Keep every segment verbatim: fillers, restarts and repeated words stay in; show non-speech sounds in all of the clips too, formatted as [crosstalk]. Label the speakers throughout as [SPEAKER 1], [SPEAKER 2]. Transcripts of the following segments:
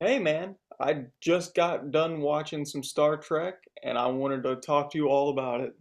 [SPEAKER 1] Hey man, I just got done watching some Star Trek and I wanted to talk to you all about it.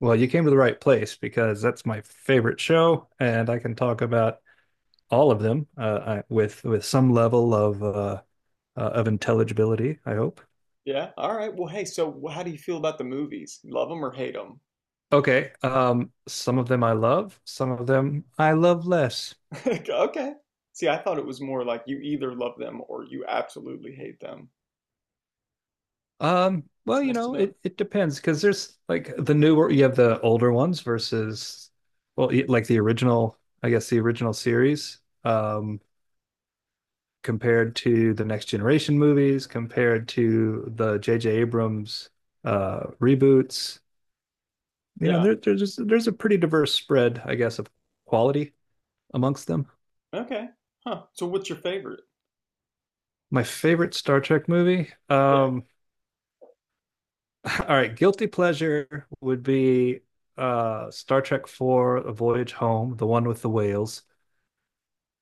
[SPEAKER 2] Well, you came to the right place because that's my favorite show, and I can talk about all of them uh, I- with with some level of uh, uh, of intelligibility, I hope.
[SPEAKER 1] Yeah? All right. Well, hey, so wh- how do you feel about the movies? Love them or hate them?
[SPEAKER 2] Okay, um, some of them I love, some of them I love less.
[SPEAKER 1] [laughs] Okay. See, I thought it was more like you either love them or you absolutely hate them.
[SPEAKER 2] Um,
[SPEAKER 1] It's
[SPEAKER 2] well, you
[SPEAKER 1] nice to
[SPEAKER 2] know,
[SPEAKER 1] know.
[SPEAKER 2] it it depends because there's like the newer, you have the older ones versus, well, like the original, I guess the original series. Um, Compared to the next generation movies, compared to the J J. Abrams uh, reboots. You know,
[SPEAKER 1] Yeah.
[SPEAKER 2] there, there's just, there's a pretty diverse spread, I guess, of quality amongst them.
[SPEAKER 1] Okay. Huh. So what's your favorite?
[SPEAKER 2] My favorite Star Trek movie.
[SPEAKER 1] Yeah.
[SPEAKER 2] Um, [laughs] all right, guilty pleasure would be uh, Star Trek Four: A Voyage Home, the one with the whales.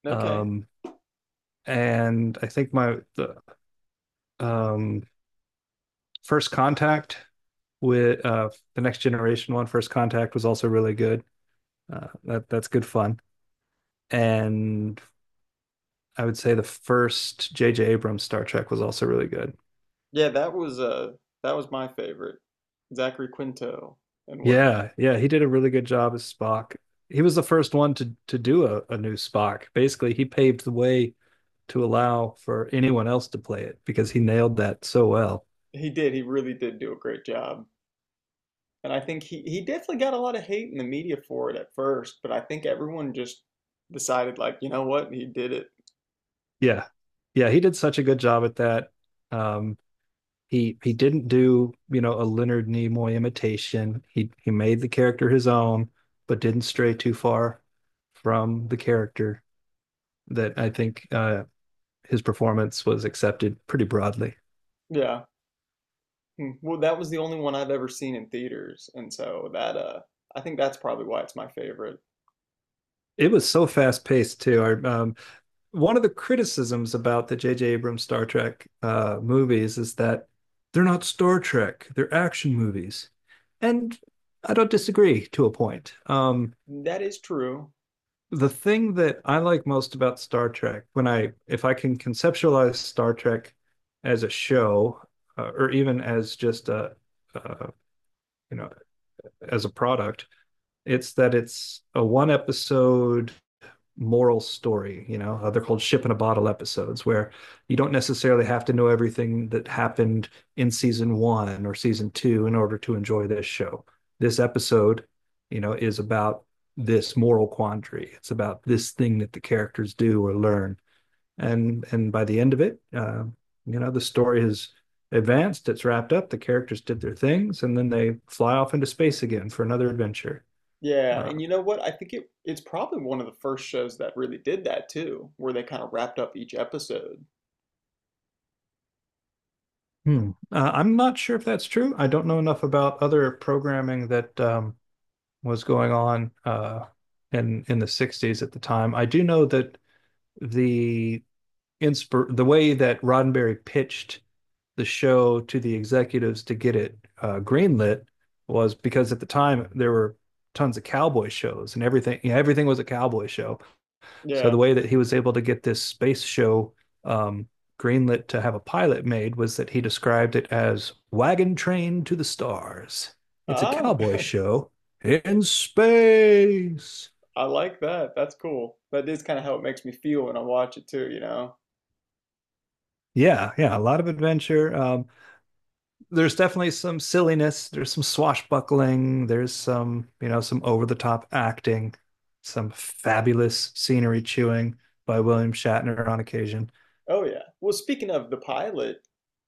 [SPEAKER 1] Okay.
[SPEAKER 2] Um, and I think my the um, first contact with uh, the next generation one, First Contact was also really good. Uh, that that's good fun. And I would say the first J J. Abrams Star Trek was also really good.
[SPEAKER 1] Yeah, that was uh that was my favorite. Zachary Quinto and whatnot.
[SPEAKER 2] Yeah, yeah, he did a really good job as Spock. He was the first one to to do a, a new Spock. Basically, he paved the way to allow for anyone else to play it because he nailed that so well.
[SPEAKER 1] He did, he really did do a great job. And I think he, he definitely got a lot of hate in the media for it at first, but I think everyone just decided, like, you know what, he did it.
[SPEAKER 2] Yeah, yeah, he did such a good job at that. Um, He he didn't do, you know, a Leonard Nimoy imitation. He he made the character his own, but didn't stray too far from the character that I think uh, his performance was accepted pretty broadly.
[SPEAKER 1] Yeah. Mm, well, that was the only one I've ever seen in theaters. And so that, uh, I think that's probably why it's my favorite.
[SPEAKER 2] It was so fast paced too. I, um, one of the criticisms about the J J. Abrams Star Trek uh, movies is that they're not Star Trek; they're action movies, and I don't disagree to a point. Um,
[SPEAKER 1] That is true.
[SPEAKER 2] the thing that I like most about Star Trek, when I if I can conceptualize Star Trek as a show uh, or even as just a uh, you know as a product, it's that it's a one episode moral story. You know, Uh, they're called ship in a bottle episodes where you don't necessarily have to know everything that happened in season one or season two in order to enjoy this show. This episode, you know, is about this moral quandary. It's about this thing that the characters do or learn, and and by the end of it, uh, you know, the story has advanced. It's wrapped up. The characters did their things, and then they fly off into space again for another adventure.
[SPEAKER 1] Yeah.
[SPEAKER 2] Uh,
[SPEAKER 1] And you know what? I think it, it's probably one of the first shows that really did that too, where they kind of wrapped up each episode.
[SPEAKER 2] Hmm. Uh, I'm not sure if that's true. I don't know enough about other programming that um, was going on uh, in in the sixties at the time. I do know that the inspir the way that Roddenberry pitched the show to the executives to get it uh, greenlit was because at the time there were tons of cowboy shows and everything. Yeah, everything was a cowboy show. So
[SPEAKER 1] Yeah.
[SPEAKER 2] the way that he was able to get this space show um, greenlit to have a pilot made was that he described it as Wagon Train to the Stars. It's a
[SPEAKER 1] Ah,
[SPEAKER 2] cowboy
[SPEAKER 1] [laughs]
[SPEAKER 2] show in space.
[SPEAKER 1] I like that. That's cool. That is kind of how it makes me feel when I watch it too, you know?
[SPEAKER 2] Yeah, yeah, a lot of adventure. Um, there's definitely some silliness. There's some swashbuckling. There's some, you know, some over the top acting, some fabulous scenery chewing by William Shatner on occasion.
[SPEAKER 1] Oh yeah. Well, speaking of the pilot,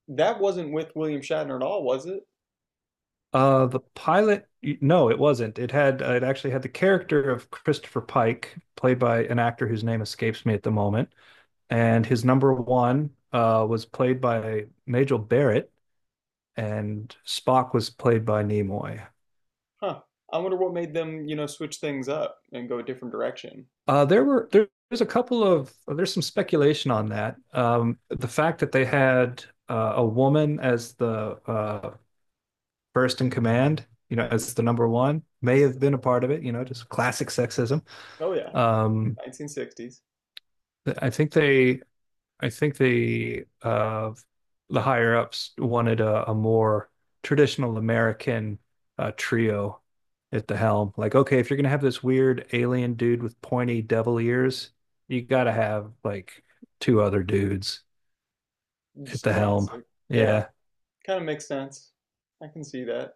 [SPEAKER 1] that wasn't with William Shatner at all, was it?
[SPEAKER 2] Uh, the pilot, no, it wasn't. It had uh, it actually had the character of Christopher Pike, played by an actor whose name escapes me at the moment, and his number one uh was played by Majel Barrett, and Spock was played by Nimoy.
[SPEAKER 1] Huh. I wonder what made them, you know, switch things up and go a different direction.
[SPEAKER 2] Uh, there were there, there's a couple of There's some speculation on that. Um, the fact that they had uh, a woman as the uh first in command, you know, as the number one, may have been a part of it. You know, just classic sexism.
[SPEAKER 1] Oh yeah,
[SPEAKER 2] Um
[SPEAKER 1] nineteen sixties.
[SPEAKER 2] I think they, I think they, uh, the higher ups wanted a, a more traditional American uh, trio at the helm. Like, okay, if you're gonna have this weird alien dude with pointy devil ears, you gotta have like two other dudes at
[SPEAKER 1] Just
[SPEAKER 2] the helm.
[SPEAKER 1] classic. Yeah,
[SPEAKER 2] Yeah.
[SPEAKER 1] kind of makes sense. I can see that.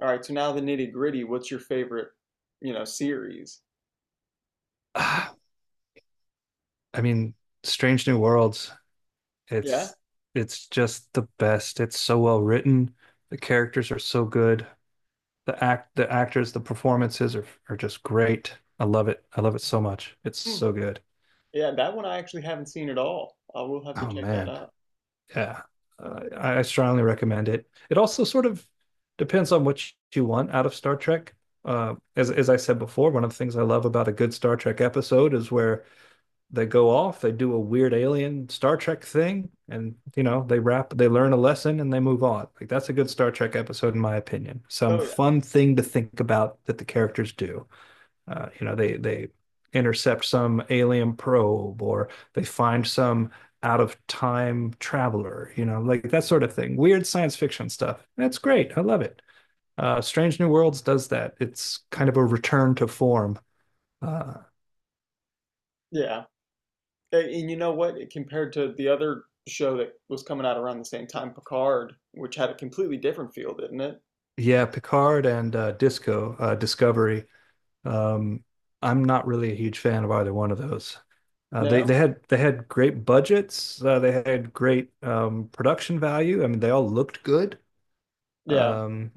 [SPEAKER 1] All right, so now the nitty-gritty. What's your favorite, you know, series?
[SPEAKER 2] [sighs] I mean, Strange New Worlds,
[SPEAKER 1] Yeah?
[SPEAKER 2] it's it's just the best. It's so well written. The characters are so good. The act the actors, the performances are are just great. I love it, I love it so much. It's
[SPEAKER 1] Hmm.
[SPEAKER 2] so good.
[SPEAKER 1] Yeah, that one I actually haven't seen at all. I will have to
[SPEAKER 2] Oh
[SPEAKER 1] check that
[SPEAKER 2] man,
[SPEAKER 1] out.
[SPEAKER 2] yeah, uh, I strongly recommend it it also sort of depends on what you want out of Star Trek. Uh, as as I said before, one of the things I love about a good Star Trek episode is where they go off, they do a weird alien Star Trek thing, and you know they wrap they learn a lesson and they move on. Like, that's a good Star Trek episode in my opinion, some
[SPEAKER 1] Oh yeah.
[SPEAKER 2] fun thing to think about that the characters do. Uh, you know, they they intercept some alien probe or they find some out of time traveler, you know, like that sort of thing. Weird science fiction stuff. That's great. I love it. Uh, Strange New Worlds does that. It's kind of a return to form. Uh,
[SPEAKER 1] Yeah. And, you know what? Compared to the other show that was coming out around the same time, Picard, which had a completely different feel, didn't it?
[SPEAKER 2] yeah, Picard and uh, Disco uh, Discovery. Um, I'm not really a huge fan of either one of those. Uh, they they
[SPEAKER 1] No?
[SPEAKER 2] had they had great budgets. Uh, they had great um, production value. I mean, they all looked good.
[SPEAKER 1] Yeah.
[SPEAKER 2] Um,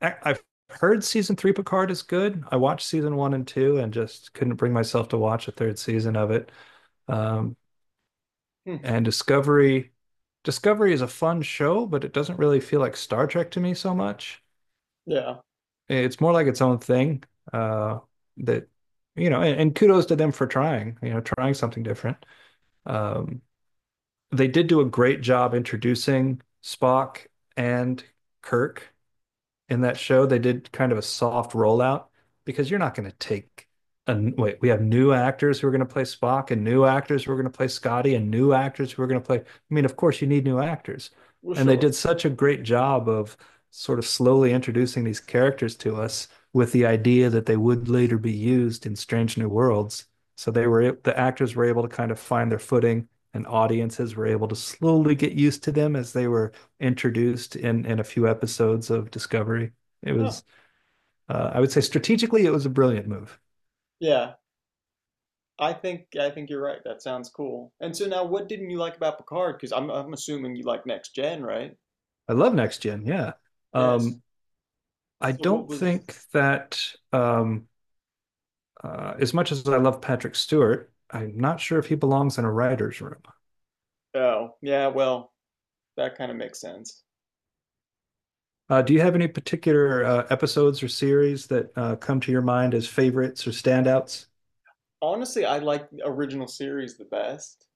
[SPEAKER 2] I, I've heard season three Picard is good. I watched season one and two and just couldn't bring myself to watch a third season of it. Um,
[SPEAKER 1] Hmm.
[SPEAKER 2] and Discovery, Discovery is a fun show, but it doesn't really feel like Star Trek to me so much.
[SPEAKER 1] Yeah.
[SPEAKER 2] It's more like its own thing. Uh, that you know, and, and kudos to them for trying. You know, trying something different. Um, they did do a great job introducing Spock and Kirk in that show. They did kind of a soft rollout because you're not going to take a, wait. We have new actors who are going to play Spock and new actors who are going to play Scotty and new actors who are going to play. I mean, of course, you need new actors.
[SPEAKER 1] Well,
[SPEAKER 2] And they
[SPEAKER 1] sure.
[SPEAKER 2] did such a great job of sort of slowly introducing these characters to us with the idea that they would later be used in Strange New Worlds. So they were the actors were able to kind of find their footing, and audiences were able to slowly get used to them as they were introduced in in a few episodes of Discovery. It
[SPEAKER 1] Huh.
[SPEAKER 2] was, uh, I would say, strategically, it was a brilliant move.
[SPEAKER 1] Yeah. I think I think you're right. That sounds cool. And so now, what didn't you like about Picard? Because I'm I'm assuming you like Next Gen, right?
[SPEAKER 2] I love Next Gen, yeah.
[SPEAKER 1] Yes.
[SPEAKER 2] Um, I
[SPEAKER 1] So what
[SPEAKER 2] don't
[SPEAKER 1] was?
[SPEAKER 2] think that um, uh, as much as I love Patrick Stewart, I'm not sure if he belongs in a writer's room.
[SPEAKER 1] Oh, yeah. Well, that kind of makes sense.
[SPEAKER 2] Uh, do you have any particular uh, episodes or series that uh, come to your mind as favorites or standouts?
[SPEAKER 1] Honestly, I like original series the best.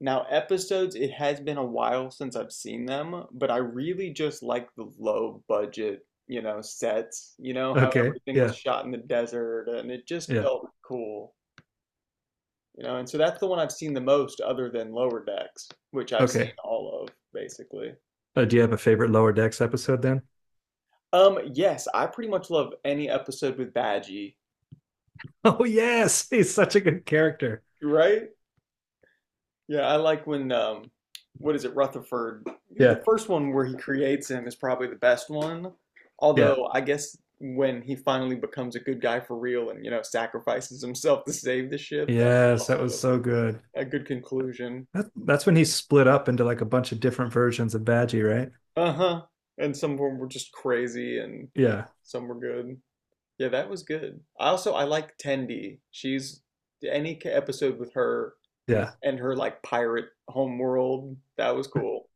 [SPEAKER 1] Now, episodes, it has been a while since I've seen them, but I really just like the low budget, you know, sets, you know, how
[SPEAKER 2] Okay.
[SPEAKER 1] everything was
[SPEAKER 2] Yeah.
[SPEAKER 1] shot in the desert and it just
[SPEAKER 2] Yeah.
[SPEAKER 1] felt cool, you know, and so that's the one I've seen the most other than Lower Decks, which I've seen
[SPEAKER 2] Okay.
[SPEAKER 1] all of basically.
[SPEAKER 2] Uh, do you have a favorite Lower Decks episode then? [laughs]
[SPEAKER 1] Um, yes, I pretty much love any episode with Badgie,
[SPEAKER 2] Oh, yes. He's such a good character.
[SPEAKER 1] right? Yeah, I like when um, what is it, Rutherford? The
[SPEAKER 2] Yeah.
[SPEAKER 1] first one where he creates him is probably the best one.
[SPEAKER 2] Yeah.
[SPEAKER 1] Although I guess when he finally becomes a good guy for real and you know sacrifices himself to save the ship, that was
[SPEAKER 2] Yes. That was
[SPEAKER 1] also
[SPEAKER 2] so good.
[SPEAKER 1] a good conclusion.
[SPEAKER 2] That, that's when he split up into like a bunch of different versions of Badgie, right?
[SPEAKER 1] Uh-huh. And some of them were just crazy, and
[SPEAKER 2] Yeah.
[SPEAKER 1] some were good. Yeah, that was good. I also I like Tendi. She's any ca- episode with her
[SPEAKER 2] Yeah.
[SPEAKER 1] and her like pirate homeworld, that was cool.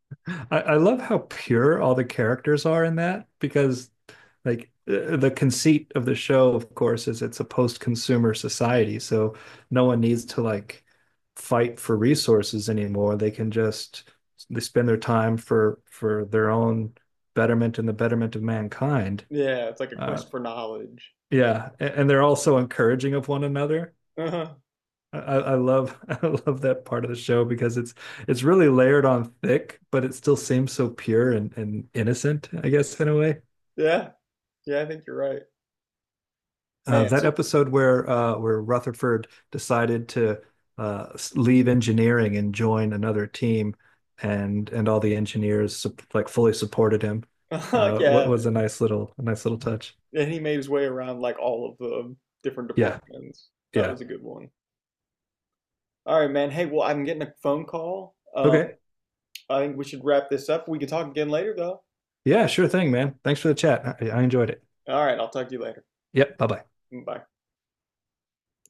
[SPEAKER 2] I, I love how pure all the characters are in that because like uh, the conceit of the show, of course, is it's a post-consumer society, so no one needs to like fight for resources anymore. They can just they spend their time for for their own betterment and the betterment of mankind.
[SPEAKER 1] Yeah, it's like a
[SPEAKER 2] Uh,
[SPEAKER 1] quest for knowledge.
[SPEAKER 2] yeah, and, they're also encouraging of one another.
[SPEAKER 1] Uh-huh.
[SPEAKER 2] I I love [laughs] I love that part of the show because it's it's really layered on thick, but it still seems so pure and, and innocent, I guess, in a way.
[SPEAKER 1] Yeah. Yeah, I think you're right.
[SPEAKER 2] Uh,
[SPEAKER 1] Man,
[SPEAKER 2] that
[SPEAKER 1] so
[SPEAKER 2] episode where uh, where Rutherford decided to uh, leave engineering and join another team, and and all the engineers like fully supported him.
[SPEAKER 1] [laughs] uh,
[SPEAKER 2] Uh, what
[SPEAKER 1] yeah,
[SPEAKER 2] was a nice little, a nice little touch.
[SPEAKER 1] and he made his way around like all of the different
[SPEAKER 2] Yeah,
[SPEAKER 1] departments. That
[SPEAKER 2] yeah.
[SPEAKER 1] was a good one. All right, man. Hey, well, I'm getting a phone call. Um,
[SPEAKER 2] Okay.
[SPEAKER 1] I think we should wrap this up. We can talk again later, though.
[SPEAKER 2] Yeah, sure thing, man. Thanks for the chat. I, I enjoyed it.
[SPEAKER 1] All right, I'll talk to you later.
[SPEAKER 2] Yep. Bye bye.
[SPEAKER 1] Bye.